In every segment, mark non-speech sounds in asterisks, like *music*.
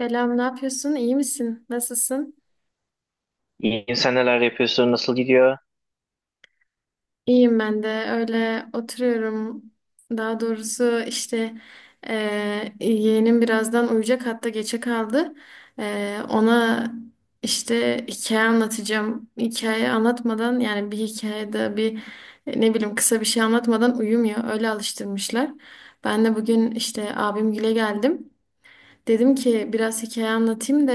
Selam, ne yapıyorsun? İyi misin? Nasılsın? İyiyim, sen neler yapıyorsun, nasıl gidiyor? İyiyim ben de. Öyle oturuyorum. Daha doğrusu işte yeğenim birazdan uyuyacak hatta geçe kaldı. Ona işte hikaye anlatacağım. Hikaye anlatmadan yani bir hikayede ne bileyim kısa bir şey anlatmadan uyumuyor. Öyle alıştırmışlar. Ben de bugün işte abimgile geldim. Dedim ki biraz hikaye anlatayım da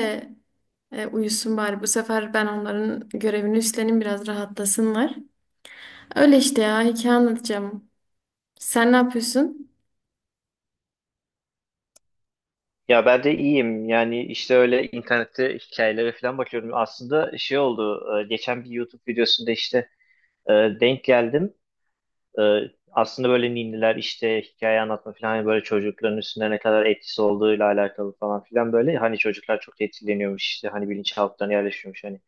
uyusun bari. Bu sefer ben onların görevini üstleneyim biraz rahatlasınlar. Öyle işte ya hikaye anlatacağım. Sen ne yapıyorsun? Ya ben de iyiyim, yani işte öyle internette hikayelere falan bakıyorum. Aslında şey oldu, geçen bir YouTube videosunda işte e, denk geldim. E, Aslında böyle ninniler işte hikaye anlatma falan, hani böyle çocukların üstünde ne kadar etkisi olduğuyla alakalı falan filan böyle. Hani çocuklar çok etkileniyormuş, işte hani bilinçaltlarına yerleşiyormuş, hani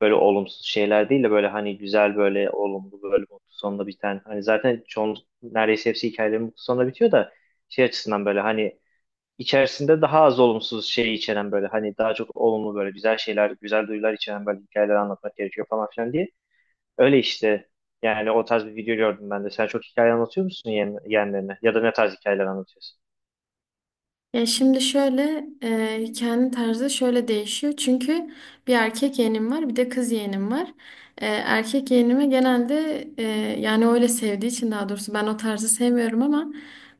böyle olumsuz şeyler değil de böyle hani güzel, böyle olumlu, böyle mutlu sonla biten. Hani zaten çoğun neredeyse hepsi hikayelerin mutlu sonla bitiyor da şey açısından böyle hani içerisinde daha az olumsuz şey içeren, böyle hani daha çok olumlu, böyle güzel şeyler, güzel duyular içeren böyle hikayeler anlatmak gerekiyor falan filan diye. Öyle işte, yani o tarz bir video gördüm ben de. Sen çok hikaye anlatıyor musun yeğen, yeğenlerine? Ya da ne tarz hikayeler anlatıyorsun? Ya şimdi şöyle, hikayenin tarzı şöyle değişiyor. Çünkü bir erkek yeğenim var bir de kız yeğenim var. Erkek yeğenime genelde, yani öyle sevdiği için daha doğrusu ben o tarzı sevmiyorum ama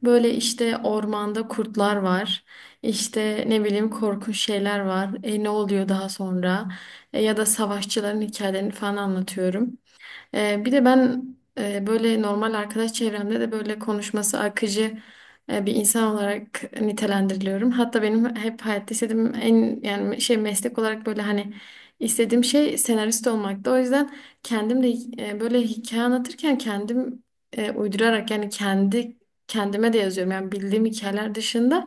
böyle işte ormanda kurtlar var. İşte ne bileyim korkunç şeyler var. Ne oluyor daha sonra? Ya da savaşçıların hikayelerini falan anlatıyorum. Bir de ben, böyle normal arkadaş çevremde de böyle konuşması akıcı bir insan olarak nitelendiriliyorum. Hatta benim hep hayatta istediğim en yani şey meslek olarak böyle hani istediğim şey senarist olmaktı. O yüzden kendim de, böyle hikaye anlatırken kendim, uydurarak yani kendi kendime de yazıyorum. Yani bildiğim hikayeler dışında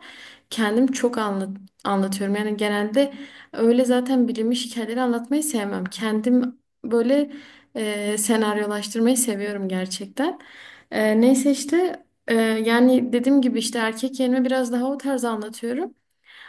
kendim çok anlatıyorum. Yani genelde öyle zaten bilinmiş hikayeleri anlatmayı sevmem. Kendim böyle, senaryolaştırmayı seviyorum gerçekten. Neyse işte, yani dediğim gibi işte erkek yerine biraz daha o tarz anlatıyorum.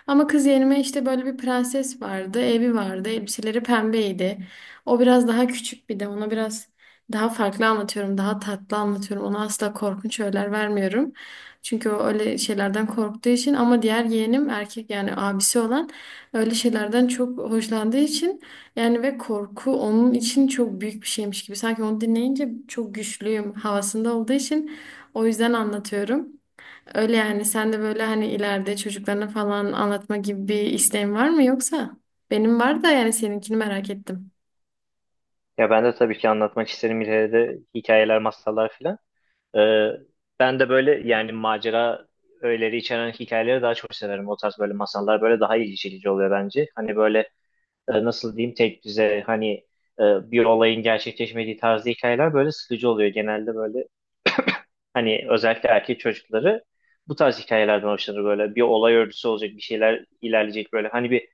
Ama kız yerime işte böyle bir prenses vardı, evi vardı, elbiseleri pembeydi. O biraz daha küçük bir de ona biraz daha farklı anlatıyorum, daha tatlı anlatıyorum. Ona asla korkunç öğeler vermiyorum. Çünkü o öyle şeylerden korktuğu için ama diğer yeğenim erkek yani abisi olan öyle şeylerden çok hoşlandığı için yani ve korku onun için çok büyük bir şeymiş gibi. Sanki onu dinleyince çok güçlüyüm havasında olduğu için o yüzden anlatıyorum. Öyle yani sen de böyle hani ileride çocuklarına falan anlatma gibi bir isteğin var mı yoksa? Benim var da yani seninkini merak ettim. Ya ben de tabii ki anlatmak isterim ileride de hikayeler, masallar filan. Ee, Ben de böyle yani macera öğeleri içeren hikayeleri daha çok severim. O tarz böyle masallar böyle daha ilgi çekici oluyor bence. Hani böyle nasıl diyeyim tek düze, hani e, bir olayın gerçekleşmediği tarzda hikayeler böyle sıkıcı oluyor. Genelde böyle *coughs* *clears throat* hani özellikle erkek çocukları bu tarz hikayelerden hoşlanır. Böyle bir olay örgüsü olacak, bir şeyler ilerleyecek, böyle hani bir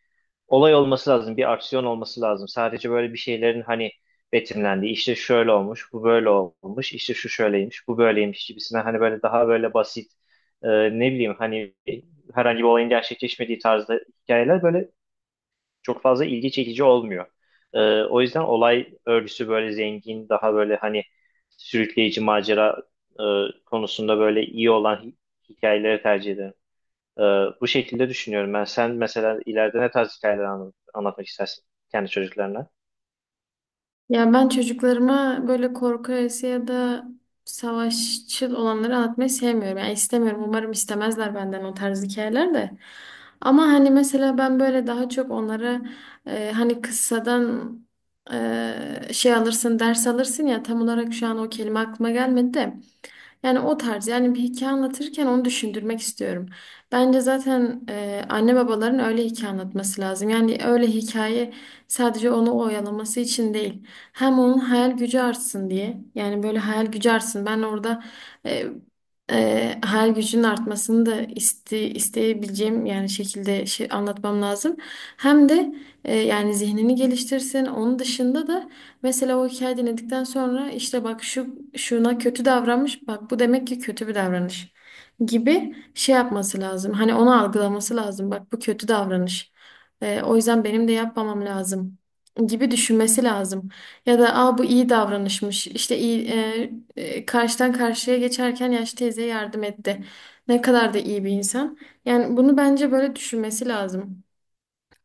olay olması lazım, bir aksiyon olması lazım. Sadece böyle bir şeylerin hani betimlendiği, işte şöyle olmuş, bu böyle olmuş, işte şu şöyleymiş, bu böyleymiş gibisinden, hani böyle daha böyle basit, e, ne bileyim, hani herhangi bir olayın gerçekleşmediği tarzda hikayeler böyle çok fazla ilgi çekici olmuyor. O yüzden olay örgüsü böyle zengin, daha böyle hani sürükleyici, macera e, konusunda böyle iyi olan hikayeleri tercih ederim. Ee, Bu şekilde düşünüyorum ben. Sen mesela ileride ne tarz hikayeler anlatmak istersin kendi çocuklarına? Ya ben çocuklarıma böyle korku öğesi ya da savaşçıl olanları anlatmayı sevmiyorum. Yani istemiyorum. Umarım istemezler benden o tarz hikayeler de. Ama hani mesela ben böyle daha çok onlara, hani kıssadan şey alırsın, ders alırsın ya tam olarak şu an o kelime aklıma gelmedi de. Yani o tarz yani bir hikaye anlatırken onu düşündürmek istiyorum. Bence zaten, anne babaların öyle hikaye anlatması lazım. Yani öyle hikaye sadece onu oyalaması için değil. Hem onun hayal gücü artsın diye. Yani böyle hayal gücü artsın. Ben orada e, hayal gücünün artmasını da iste, isteyebileceğim yani şekilde şey anlatmam lazım. Hem de, yani zihnini geliştirsin. Onun dışında da mesela o hikaye dinledikten sonra işte bak şuna kötü davranmış bak bu demek ki kötü bir davranış gibi şey yapması lazım. Hani onu algılaması lazım bak bu kötü davranış. O yüzden benim de yapmamam lazım gibi düşünmesi lazım. Ya da aa bu iyi davranışmış işte iyi, karşıdan karşıya geçerken yaşlı teyze yardım etti. Ne kadar da iyi bir insan. Yani bunu bence böyle düşünmesi lazım.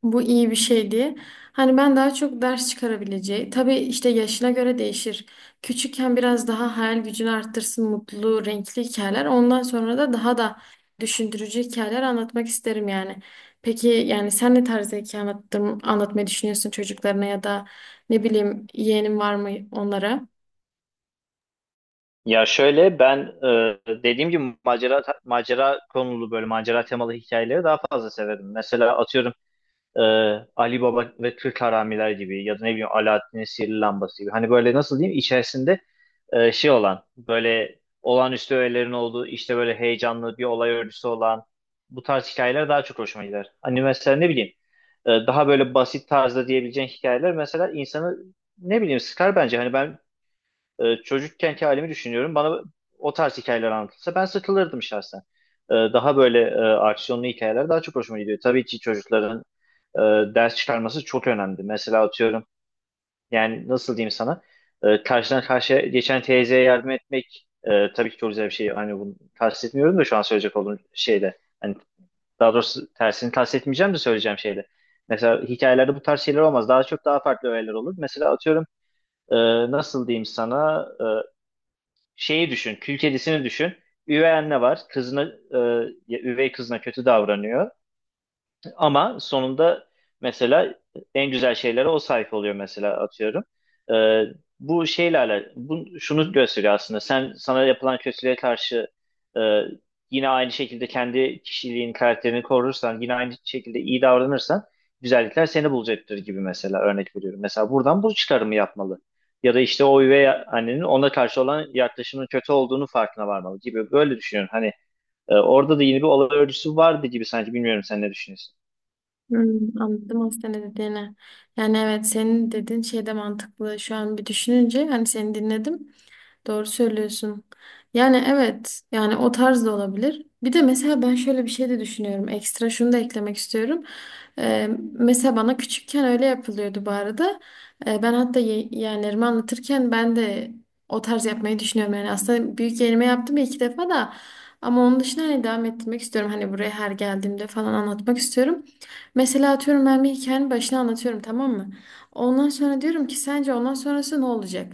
Bu iyi bir şey diye. Hani ben daha çok ders çıkarabileceği. Tabii işte yaşına göre değişir. Küçükken biraz daha hayal gücünü arttırsın mutlu, renkli hikayeler. Ondan sonra da daha da düşündürücü hikayeler anlatmak isterim yani. Peki yani sen ne tarzda hikaye anlatmayı düşünüyorsun çocuklarına ya da ne bileyim yeğenin var mı onlara? Ya şöyle ben, e, dediğim gibi macera konulu, böyle macera temalı hikayeleri daha fazla severim. Mesela atıyorum e, Ali Baba ve Türk Haramiler gibi, ya da ne bileyim Alaaddin'in Sihirli Lambası gibi. Hani böyle nasıl diyeyim, içerisinde şey olan, böyle olağanüstü öğelerin olduğu, işte böyle heyecanlı bir olay örgüsü olan bu tarz hikayeler daha çok hoşuma gider. Hani mesela ne bileyim, daha böyle basit tarzda diyebileceğin hikayeler mesela insanı ne bileyim sıkar bence. Hani ben, çocukkenki halimi düşünüyorum. Bana o tarz hikayeler anlatılsa ben sıkılırdım şahsen. Daha böyle aksiyonlu hikayeler daha çok hoşuma gidiyor. Tabii ki çocukların e, ders çıkarması çok önemli. Mesela atıyorum, yani nasıl diyeyim sana, karşıdan karşıya geçen teyzeye yardım etmek tabii ki çok güzel bir şey. Hani bunu kastetmiyorum da şu an söyleyecek olduğum şeyde. Hani daha doğrusu tersini kastetmeyeceğim de söyleyeceğim şeyde. Mesela hikayelerde bu tarz şeyler olmaz. Daha çok daha farklı öğeler olur. Mesela atıyorum e, nasıl diyeyim sana, şeyi düşün, kül kedisini düşün. Üvey anne var, kızına, e, ya üvey kızına kötü davranıyor. Ama sonunda mesela en güzel şeylere o sahip oluyor, mesela atıyorum. Ee, Bu bu şunu gösteriyor aslında. Sen sana yapılan kötülüğe karşı e, yine aynı şekilde kendi kişiliğin, karakterini korursan, yine aynı şekilde iyi davranırsan güzellikler seni bulacaktır gibi, mesela örnek veriyorum. Mesela buradan bu çıkarımı yapmalı. Ya da işte o üvey annenin ona karşı olan yaklaşımının kötü olduğunu farkına varmalı gibi. Böyle düşünüyorum. Hani orada da yine bir olay örgüsü vardı gibi sanki. Bilmiyorum, sen ne düşünüyorsun? Hmm, anladım aslında ne dediğini. Yani evet senin dediğin şey de mantıklı. Şu an bir düşününce hani seni dinledim. Doğru söylüyorsun. Yani evet, yani o tarz da olabilir. Bir de mesela ben şöyle bir şey de düşünüyorum. Ekstra şunu da eklemek istiyorum. Mesela bana küçükken öyle yapılıyordu bu arada. Ben hatta yeğenlerime anlatırken ben de o tarz yapmayı düşünüyorum. Yani aslında büyük yeğenime yaptım ya iki defa da. Ama onun dışında hani devam ettirmek istiyorum. Hani buraya her geldiğimde falan anlatmak istiyorum. Mesela atıyorum ben bir hikayenin başına anlatıyorum tamam mı? Ondan sonra diyorum ki sence ondan sonrası ne olacak?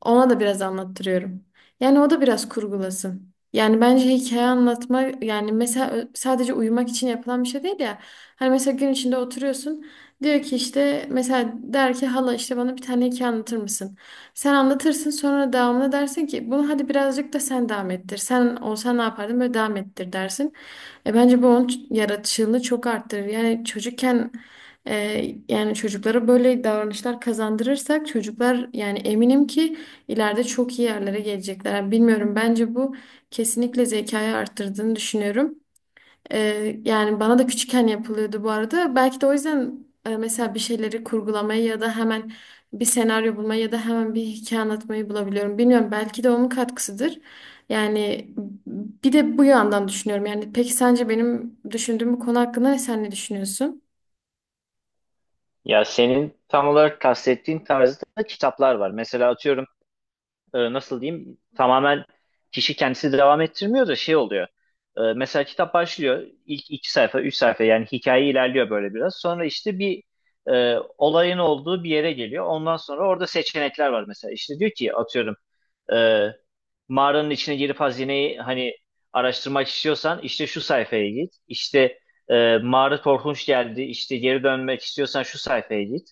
Ona da biraz anlattırıyorum. Yani o da biraz kurgulasın. Yani bence hikaye anlatma yani mesela sadece uyumak için yapılan bir şey değil ya. Hani mesela gün içinde oturuyorsun. Diyor ki işte mesela der ki hala işte bana bir tane hikaye anlatır mısın? Sen anlatırsın sonra devamlı dersin ki bunu hadi birazcık da sen devam ettir. Sen olsan ne yapardın böyle devam ettir dersin. E bence bu onun yaratıcılığını çok arttırır. Yani çocukken e, yani çocuklara böyle davranışlar kazandırırsak çocuklar yani eminim ki İleride çok iyi yerlere gelecekler. Yani bilmiyorum bence bu kesinlikle zekayı arttırdığını düşünüyorum. Yani bana da küçükken yapılıyordu bu arada. Belki de o yüzden, mesela bir şeyleri kurgulamayı ya da hemen bir senaryo bulmayı ya da hemen bir hikaye anlatmayı bulabiliyorum. Bilmiyorum belki de onun katkısıdır. Yani bir de bu yandan düşünüyorum. Yani peki sence benim düşündüğüm bu konu hakkında sen ne düşünüyorsun? Ya senin tam olarak kastettiğin tarzda da kitaplar var. Mesela atıyorum nasıl diyeyim, tamamen kişi kendisi devam ettirmiyor da şey oluyor. Mesela kitap başlıyor, ilk iki sayfa üç sayfa yani hikaye ilerliyor böyle biraz. Sonra işte bir olayın olduğu bir yere geliyor. Ondan sonra orada seçenekler var mesela. İşte diyor ki atıyorum, e, mağaranın içine girip hazineyi hani araştırmak istiyorsan işte şu sayfaya git. İşte mağara korkunç geldi, işte geri dönmek istiyorsan şu sayfaya git.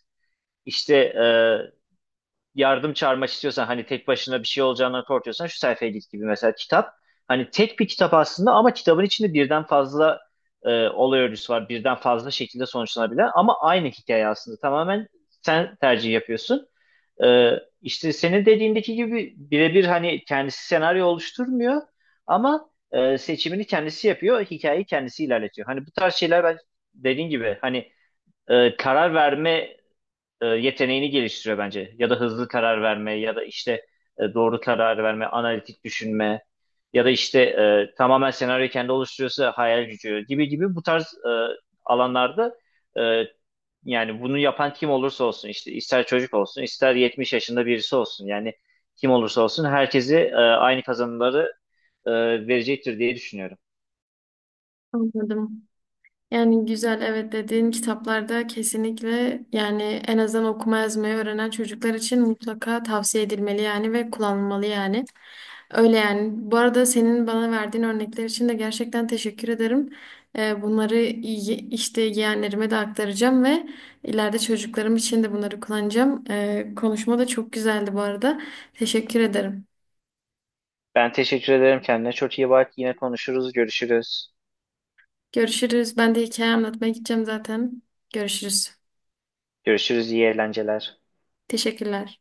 İşte yardım çağırmak istiyorsan, hani tek başına bir şey olacağını korkuyorsan şu sayfaya git gibi, mesela kitap. Hani tek bir kitap aslında ama kitabın içinde birden fazla olay örgüsü var. Birden fazla şekilde sonuçlanabilen ama aynı hikaye aslında. Tamamen sen tercih yapıyorsun. E, işte senin dediğindeki gibi birebir hani kendisi senaryo oluşturmuyor ama seçimini kendisi yapıyor. Hikayeyi kendisi ilerletiyor. Hani bu tarz şeyler ben dediğin gibi hani karar verme yeteneğini geliştiriyor bence. Ya da hızlı karar verme, ya da işte doğru karar verme, analitik düşünme, ya da işte tamamen senaryoyu kendi oluşturuyorsa hayal gücü gibi gibi, bu tarz alanlarda e, yani bunu yapan kim olursa olsun, işte ister çocuk olsun ister 70 yaşında birisi olsun, yani kim olursa olsun herkesi aynı kazanımları e, verecektir diye düşünüyorum. Anladım. Yani güzel evet dediğin kitaplarda kesinlikle yani en azından okuma yazmayı öğrenen çocuklar için mutlaka tavsiye edilmeli yani ve kullanılmalı yani. Öyle yani. Bu arada senin bana verdiğin örnekler için de gerçekten teşekkür ederim. Bunları işte yeğenlerime de aktaracağım ve ileride çocuklarım için de bunları kullanacağım. Konuşma da çok güzeldi bu arada. Teşekkür ederim. Ben teşekkür ederim kendine. Çok iyi bak. Yine konuşuruz, görüşürüz. Görüşürüz. Ben de hikaye anlatmaya gideceğim zaten. Görüşürüz. Görüşürüz, iyi eğlenceler. Teşekkürler.